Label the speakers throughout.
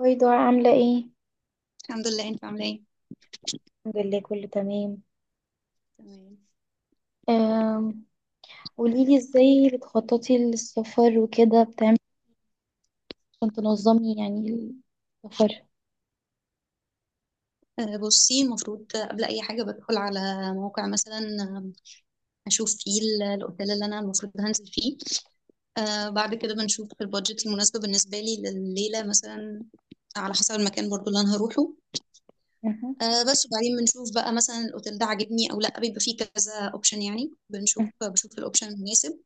Speaker 1: هاي دعاء، عاملة ايه؟
Speaker 2: الحمد لله. انت عامله ايه؟
Speaker 1: الحمد لله، كله تمام.
Speaker 2: تمام.
Speaker 1: أم... قوليلي ازاي بتخططي للسفر وكده، بتعملي إيه؟ عشان تنظمي يعني السفر.
Speaker 2: بصي، المفروض قبل اي حاجه بدخل على موقع مثلا. اشوف فيه الاوتيل اللي انا المفروض هنزل فيه. بعد كده بنشوف البادجت المناسبه بالنسبه لي لليله مثلا، على حسب المكان برضو اللي انا هروحه.
Speaker 1: أها،
Speaker 2: بس وبعدين بنشوف بقى مثلا الاوتيل ده عاجبني او لا. بيبقى فيه كذا اوبشن، يعني بنشوف
Speaker 1: أها،
Speaker 2: بشوف الاوبشن المناسب.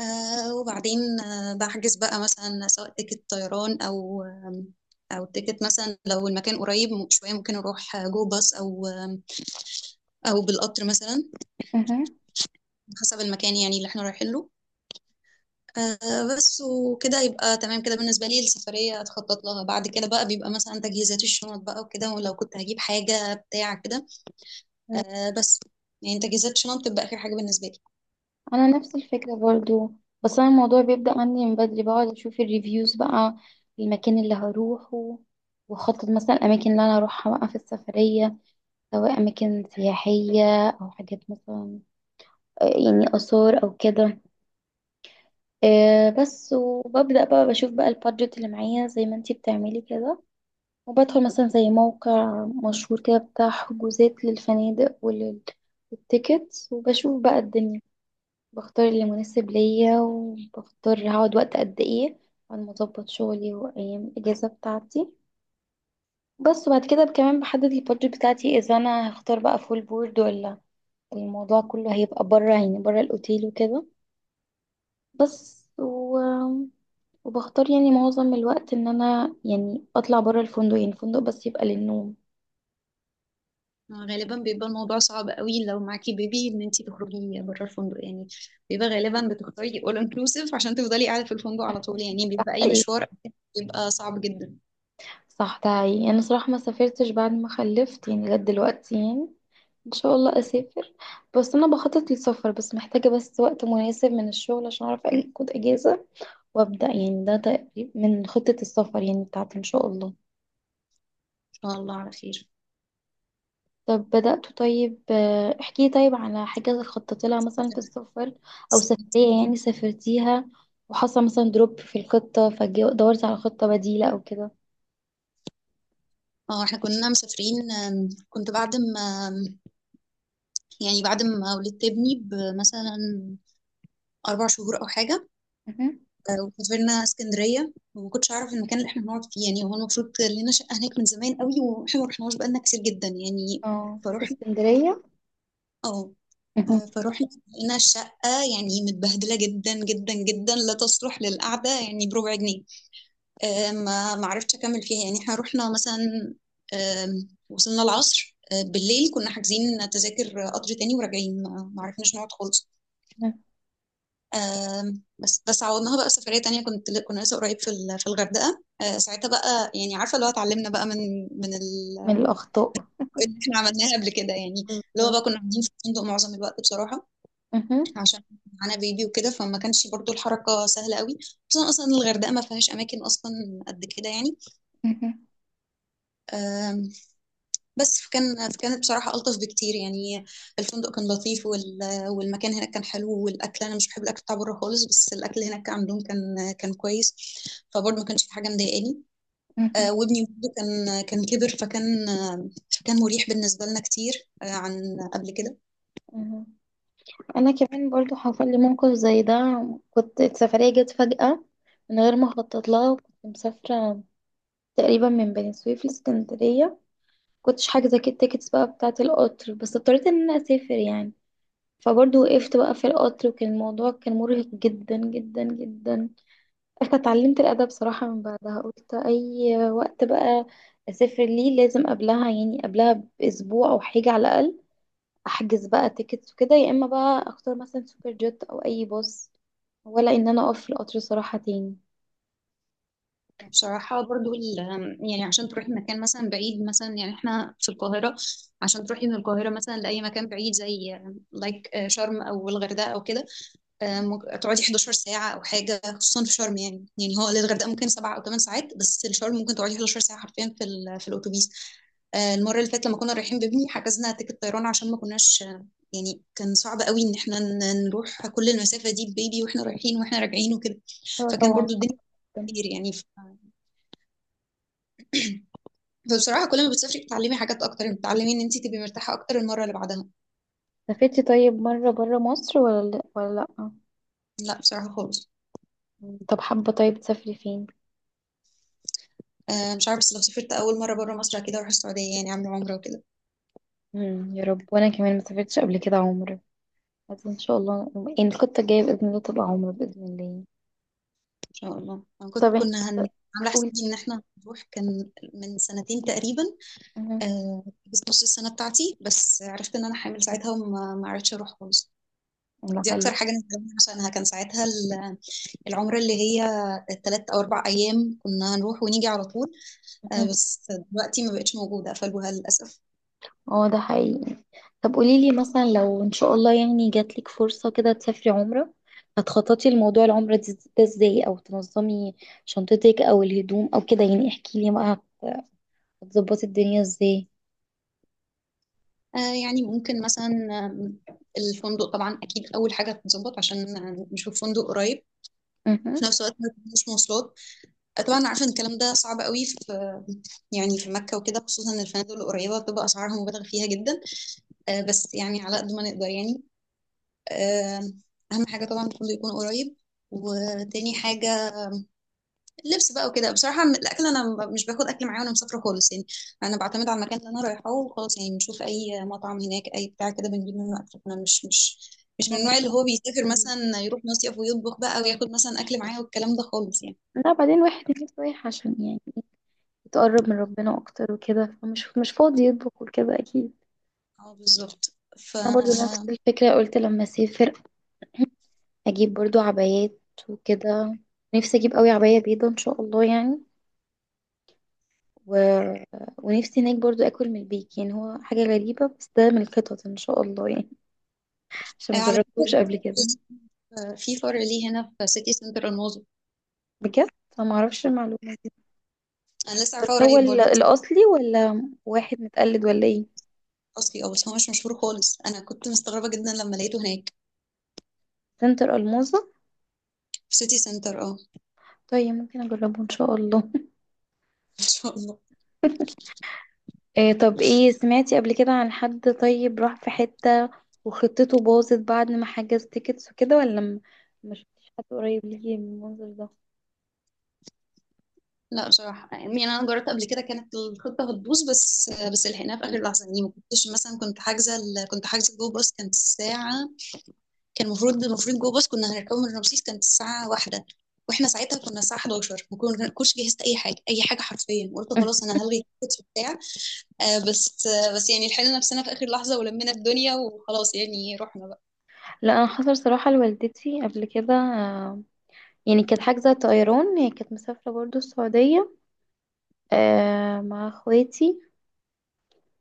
Speaker 2: وبعدين بحجز بقى مثلا سواء تيكت طيران أو أو تيكت مثلا، لو المكان قريب شوية ممكن أروح جو باص أو أو بالقطر مثلا، حسب المكان يعني اللي احنا رايحين له. بس وكده يبقى تمام كده، بالنسبة لي السفرية أتخطط لها. بعد كده بقى بيبقى مثلا تجهيزات الشنط بقى وكده، ولو كنت هجيب حاجة بتاع كده.
Speaker 1: أها.
Speaker 2: بس يعني تجهيزات الشنط بتبقى آخر حاجة بالنسبة لي.
Speaker 1: انا نفس الفكرة برضو، بس انا الموضوع بيبدأ عندي من بدري، بقعد اشوف الريفيوز بقى المكان اللي هروحه، واخطط مثلا الاماكن اللي انا هروحها بقى في السفرية، سواء اماكن سياحية او حاجات مثلا، يعني اثار او كده. آه بس، وببدأ بقى بشوف بقى البادجت اللي معايا زي ما انتي بتعملي كده، وبدخل مثلا زي موقع مشهور كده بتاع حجوزات للفنادق وللتيكتس، وبشوف بقى الدنيا، بختار اللي مناسب ليا، وبختار هقعد وقت قد ايه، على ما اظبط شغلي وايام الاجازة بتاعتي. بس وبعد كده كمان بحدد البادجت بتاعتي اذا انا هختار بقى فول بورد، ولا الموضوع كله هيبقى بره، يعني بره الاوتيل وكده. بس و... وبختار يعني معظم الوقت ان انا يعني اطلع بره الفندق، يعني الفندق بس يبقى للنوم.
Speaker 2: غالبا بيبقى الموضوع صعب قوي لو معاكي بيبي ان انتي تخرجي بره الفندق يعني. بيبقى غالبا بتختاري all inclusive عشان تفضلي قاعده في الفندق على طول، يعني
Speaker 1: صح
Speaker 2: بيبقى اي
Speaker 1: ايه.
Speaker 2: مشوار بيبقى صعب جدا ان...
Speaker 1: صح، ده حقيقي، يعني انا صراحة ما سافرتش بعد ما خلفت يعني لغاية دلوقتي يعني. ان شاء الله اسافر. بس انا بخطط للسفر، بس محتاجة بس وقت مناسب من الشغل عشان اعرف اخد اجازة وابدأ، يعني ده تقريبا من خطة السفر يعني بتاعتي ان شاء الله.
Speaker 2: شاء الله على خير.
Speaker 1: طب بدأت، طيب احكي طيب على حاجة خططت لها مثلا في السفر، أو سفرية يعني سافرتيها وحصل مثلا دروب في الخطة، فدورت على خطة بديلة أو كده.
Speaker 2: اه، احنا كنا مسافرين. كنت بعد ما يعني بعد ما ولدت ابني بمثلا اربع شهور او حاجه.
Speaker 1: مهم.
Speaker 2: وسافرنا اسكندريه، وما كنتش اعرف المكان اللي احنا هنقعد فيه، يعني هو المفروض لنا شقه هناك من زمان قوي واحنا ما رحناش بقالنا كتير جدا يعني.
Speaker 1: اه،
Speaker 2: فروحنا.
Speaker 1: اسكندرية.
Speaker 2: اه.
Speaker 1: مهم.
Speaker 2: فروحنا لقينا الشقة يعني متبهدلة جدا جدا جدا، لا تصلح للقعدة يعني بربع جنيه. ما عرفتش أكمل فيها يعني. احنا رحنا مثلا، وصلنا العصر. بالليل كنا حاجزين تذاكر قطر تاني وراجعين، ما عرفناش نقعد خالص. بس عوضناها بقى سفرية تانية. كنا لسه قريب في الغردقة ساعتها بقى. يعني عارفة اللي هو اتعلمنا بقى من
Speaker 1: من الأخطاء.
Speaker 2: اللي احنا عملناها قبل كده يعني. اللي هو بقى
Speaker 1: بالظبط.
Speaker 2: كنا قاعدين في الفندق معظم الوقت بصراحة،
Speaker 1: مهم.
Speaker 2: عشان معانا بيبي وكده، فما كانش برضو الحركة سهلة قوي. خصوصا أصلا الغردقة ما فيهاش أماكن أصلا قد كده يعني.
Speaker 1: مهم.
Speaker 2: آم، بس كانت بصراحة ألطف بكتير يعني. الفندق كان لطيف والمكان هناك كان حلو، والأكل، أنا مش بحب الأكل بتاع بره خالص، بس الأكل هناك كان عندهم كان كويس. فبرضه ما كانش في حاجة مضايقاني.
Speaker 1: مهم.
Speaker 2: وابني برضه كان كبر فكان مريح بالنسبة لنا كتير عن قبل
Speaker 1: مهم. أنا كمان برضو حصل لي موقف زي ده. كنت السفرية جت فجأة من غير ما أخطط لها، وكنت مسافرة تقريبا من بني سويف لاسكندرية، كنتش حاجزة كده التيكتس بقى بتاعة القطر، بس اضطريت ان انا اسافر يعني. فبرضه
Speaker 2: كده.
Speaker 1: وقفت بقى في القطر، وكان الموضوع كان مرهق جدا جدا جدا. انا اتعلمت الادب صراحة من بعدها، قلت اي وقت بقى اسافر ليه لازم قبلها، يعني قبلها باسبوع او حاجة على الاقل احجز بقى تيكتس وكده، يا اما بقى اختار مثلا سوبر جيت او اي باص، ولا ان انا اقف في القطر صراحة تاني.
Speaker 2: بصراحة برضو، يعني عشان تروحي مكان مثلا بعيد، مثلا يعني احنا في القاهرة، عشان تروحي من القاهرة مثلا لأي مكان بعيد زي لايك شرم أو الغردقة أو كده. ممكن تقعدي 11 ساعة أو حاجة، خصوصا في شرم. يعني هو للغردقة ممكن 7 أو 8 ساعات، بس الشرم ممكن تقعدي 11 ساعة حرفيا في الأتوبيس. المرة اللي فاتت لما كنا رايحين بابني حجزنا تيكت طيران، عشان ما كناش. يعني كان صعب قوي ان احنا نروح كل المسافة دي ببيبي واحنا رايحين واحنا راجعين وكده.
Speaker 1: ايوه
Speaker 2: فكان
Speaker 1: طبعا.
Speaker 2: برضو الدنيا
Speaker 1: صعب.
Speaker 2: كتير يعني. فبصراحة كل ما بتسافري بتتعلمي حاجات أكتر، بتتعلمي إن أنت تبقي مرتاحة أكتر المرة اللي بعدها.
Speaker 1: سافرتي طيب مرة برا مصر، ولا لا ولا؟ لا.
Speaker 2: لا، بصراحة خالص.
Speaker 1: طب حابة طيب تسافري فين؟
Speaker 2: مش عارفة، بس لو سافرت أول مرة بره مصر كده أروح السعودية، يعني أعمل عمرة وكده.
Speaker 1: مم. يا رب. وانا كمان ما سافرتش قبل كده عمرة، بس ان شاء الله، يعني الخطة الجاية بإذن الله تبقى عمرة بإذن الله.
Speaker 2: إن شاء الله. أنا
Speaker 1: طب
Speaker 2: كنت
Speaker 1: إيه؟
Speaker 2: كنا
Speaker 1: طب
Speaker 2: هن... عاملة
Speaker 1: قولي.
Speaker 2: حسابي إن إحنا هنروح، كان من سنتين تقريبا.
Speaker 1: أها.
Speaker 2: آه بس نص السنة بتاعتي بس عرفت إن أنا حامل ساعتها، وما ما عرفتش أروح خالص. دي
Speaker 1: لعله.
Speaker 2: أكتر حاجة ندمت عشانها. كان ساعتها العمرة اللي هي تلات أو أربع أيام، كنا هنروح ونيجي على طول. آه
Speaker 1: أها.
Speaker 2: بس دلوقتي ما بقتش موجودة، قفلوها للأسف.
Speaker 1: اه ده حقيقي. طب قولي لي مثلا لو ان شاء الله يعني جات لك فرصة كده تسافري عمرة، هتخططي لموضوع العمرة ده ازاي، او تنظمي شنطتك او الهدوم او كده، يعني احكي لي بقى. هت- هتظبطي الدنيا ازاي؟
Speaker 2: آه، يعني ممكن مثلا، آم، الفندق طبعا اكيد اول حاجه تتظبط عشان نشوف فندق قريب،
Speaker 1: اها.
Speaker 2: في نفس الوقت ما تكونش مواصلات. طبعا عارفه ان الكلام ده صعب قوي يعني في مكه وكده، خصوصا إن الفنادق القريبه بتبقى اسعارها مبالغ فيها جدا. بس يعني على قد ما نقدر يعني. آه، اهم حاجه طبعا الفندق يكون قريب، وتاني حاجه اللبس بقى وكده. بصراحة الأكل، أنا مش باخد أكل معايا وأنا مسافرة خالص يعني. أنا بعتمد على المكان اللي أنا رايحاه وخلاص، يعني بنشوف أي مطعم هناك أي بتاع كده بنجيب منه أكل. أنا مش من
Speaker 1: أنا-
Speaker 2: النوع اللي هو بيسافر مثلا يروح مصيف ويطبخ بقى وياخد مثلا أكل معاه والكلام ده خالص يعني.
Speaker 1: لا، بعدين واحد نفسه رايح عشان يعني تقرب من ربنا اكتر وكده، فمش مش فاضي يطبخ وكده اكيد.
Speaker 2: اه، بالظبط. ف
Speaker 1: انا برضو نفس
Speaker 2: آه،
Speaker 1: الفكره، قلت لما اسافر اجيب برضو عبايات وكده، نفسي اجيب قوي عبايه بيضه ان شاء الله يعني. و... ونفسي هناك برضو اكل من البيك، يعني هو حاجه غريبه بس ده من الخطط ان شاء الله يعني، عشان
Speaker 2: على
Speaker 1: مجربتوش
Speaker 2: فكرة،
Speaker 1: قبل كده.
Speaker 2: في فرع ليه هنا في سيتي سنتر الماظة.
Speaker 1: بجد؟ فما اعرفش المعلومه دي.
Speaker 2: أنا لسه عارفاه
Speaker 1: بس هو
Speaker 2: قريب برضه.
Speaker 1: الاصلي ولا واحد متقلد ولا ايه؟
Speaker 2: أصلي. بس هو مش مشهور خالص، أنا كنت مستغربة جدا لما لقيته هناك.
Speaker 1: سنتر الموزه؟
Speaker 2: في سيتي سنتر. أه.
Speaker 1: طيب ممكن اجربه ان شاء الله.
Speaker 2: إن شاء الله.
Speaker 1: إيه، طب ايه، سمعتي قبل كده عن حد طيب راح في حتة وخطته باظت بعد ما حجز تيكتس وكده، ولا ما شفتيش حد قريب ليكي من المنظر ده؟
Speaker 2: لا بصراحة، يعني أنا جربت قبل كده كانت الخطة هتبوظ، بس لحقناها في آخر لحظة يعني. ما كنتش مثلا، كنت حاجزة جو باص، كانت الساعة كان المفروض جو باص كنا هنركبه من رمسيس، كانت الساعة واحدة. واحنا ساعتها كنا الساعة 11، ما كن- كنتش جهزت أي حاجة أي حاجة حرفيا. قلت
Speaker 1: مم.
Speaker 2: خلاص، أنا هلغي التيكت بتاع. بس يعني لحقنا نفسنا في آخر لحظة ولمينا الدنيا وخلاص، يعني رحنا بقى.
Speaker 1: لا، انا حصل صراحة لوالدتي قبل كده، يعني كانت حاجزة طيران، هي كانت مسافرة برضو السعودية، مع اخواتي.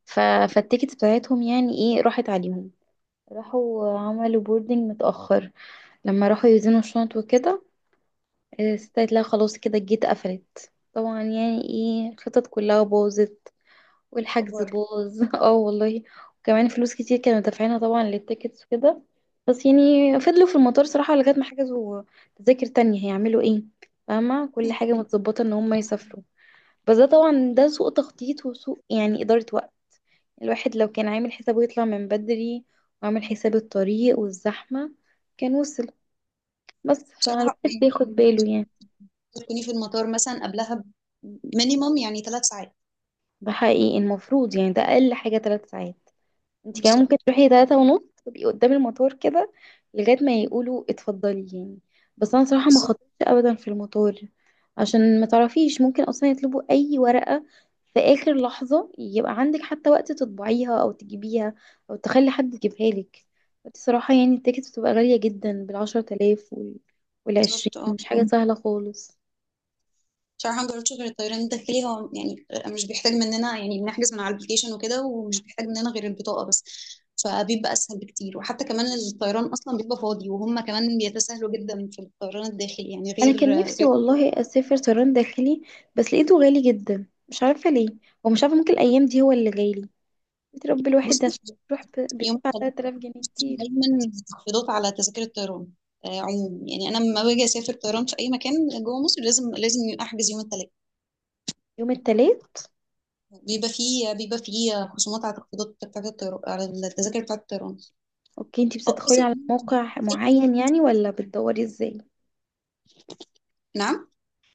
Speaker 1: ف... فالتيكت بتاعتهم يعني ايه راحت عليهم، راحوا عملوا بوردنج متأخر لما راحوا يوزنوا الشنط وكده، استيت لا خلاص كده جيت قفلت طبعا يعني ايه، الخطط كلها باظت والحجز
Speaker 2: الخبر.
Speaker 1: باظ. اه والله. وكمان فلوس كتير كانوا دافعينها طبعا للتيكتس وكده، بس يعني فضلوا في المطار صراحة لغاية ما حجزوا تذاكر تانية، هيعملوا ايه، فاهمة كل حاجة متظبطة ان هم يسافروا. بس ده طبعا ده سوء تخطيط وسوء يعني إدارة وقت. الواحد لو كان عامل حسابه يطلع من بدري وعامل حساب الطريق والزحمة كان وصل، بس
Speaker 2: بصراحة
Speaker 1: فالواحد
Speaker 2: يعني
Speaker 1: بياخد باله يعني.
Speaker 2: تكوني في المطار مثلا قبلها مينيموم يعني ثلاث ساعات.
Speaker 1: ده حقيقي، المفروض يعني ده اقل حاجه 3 ساعات، انت كمان ممكن تروحي 3:30، تبقي قدام المطار كده لغايه ما يقولوا اتفضلي يعني. بس انا صراحه ما
Speaker 2: بالظبط.
Speaker 1: خطرتش ابدا في المطار، عشان ما تعرفيش ممكن اصلا يطلبوا اي ورقه في اخر لحظه، يبقى عندك حتى وقت تطبعيها او تجيبيها او تخلي حد يجيبها لك. بس صراحه يعني التيكت بتبقى غاليه جدا، بالعشرة آلاف وال والعشرين،
Speaker 2: بالضبط اه.
Speaker 1: مش حاجه سهله خالص.
Speaker 2: بصراحة مجربتش غير الطيران الداخلي. هو يعني مش بيحتاج مننا، يعني بنحجز من على الابليكيشن وكده، ومش بيحتاج مننا غير البطاقة بس. فبيبقى أسهل بكتير. وحتى كمان الطيران أصلا بيبقى فاضي، وهم كمان بيتساهلوا جدا في الطيران الداخلي يعني.
Speaker 1: انا
Speaker 2: غير
Speaker 1: كان نفسي
Speaker 2: غير
Speaker 1: والله اسافر طيران داخلي، بس لقيته غالي جدا مش عارفه ليه، ومش عارفه ممكن الايام دي هو اللي غالي بتربي الواحد،
Speaker 2: بصي،
Speaker 1: عشان تروح
Speaker 2: يوم
Speaker 1: بتدفع
Speaker 2: الثلاث
Speaker 1: 3000 جنيه كتير.
Speaker 2: دايما تخفيضات على تذاكر الطيران. عموما يعني، أنا لما باجي أسافر طيران في أي مكان جوه مصر لازم أحجز يوم الثلاث.
Speaker 1: يوم التلات.
Speaker 2: بيبقى فيه خصومات على تخفيضات بتاعت الطيران، على التذاكر بتاعت الطيران.
Speaker 1: اوكي، انتي
Speaker 2: اه بس.
Speaker 1: بتدخلي على موقع معين يعني ولا بتدوري ازاي؟
Speaker 2: نعم.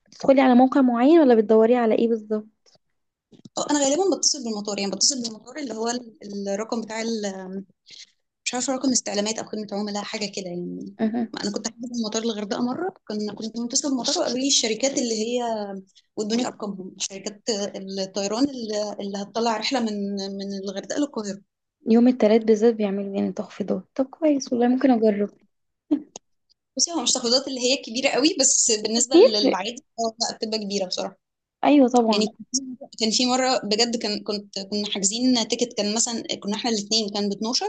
Speaker 1: بتدخلي على موقع معين ولا بتدوري على ايه بالظبط؟
Speaker 2: انا غالبا بتصل بالمطار، يعني بتصل بالمطار اللي هو الرقم مش عارفه رقم استعلامات او خدمه عملاء حاجه كده يعني.
Speaker 1: اها.
Speaker 2: ما انا كنت حاجه في المطار الغردقه مره، كنت متصل بالمطار وقالوا لي الشركات اللي هي، وادوني ارقامهم شركات الطيران اللي هتطلع رحله من الغردقه للقاهره.
Speaker 1: يوم التلات بالذات بيعملوا يعني تخفيضات، طب كويس والله ممكن اجرب.
Speaker 2: بصي، هو مش تخفيضات اللي هي كبيره قوي، بس بالنسبه
Speaker 1: بيفرق.
Speaker 2: للعادي اه لا، بتبقى كبيره بصراحه.
Speaker 1: ايوه
Speaker 2: يعني
Speaker 1: طبعا.
Speaker 2: كان في مره بجد، كان كنت كنا حاجزين تيكت، كان مثلا كنا احنا الاثنين كان ب 12.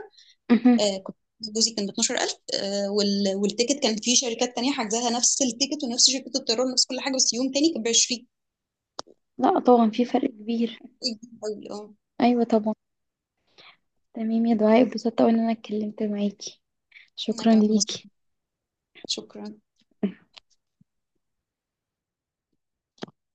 Speaker 1: اها.
Speaker 2: آه، كنت جوزي كان ب 12,000. والتيكت كان في شركات تانية حجزاها، نفس التيكت ونفس شركة الطيران ونفس كل حاجة، بس يوم تاني كان ب 20.
Speaker 1: لا طبعا في فرق كبير.
Speaker 2: اه،
Speaker 1: ايوه طبعا. تمام يا دعاء، اتبسطت أوي ان انا اتكلمت معاكي،
Speaker 2: انا
Speaker 1: شكرا
Speaker 2: كمان بس.
Speaker 1: ليكي.
Speaker 2: شكرا.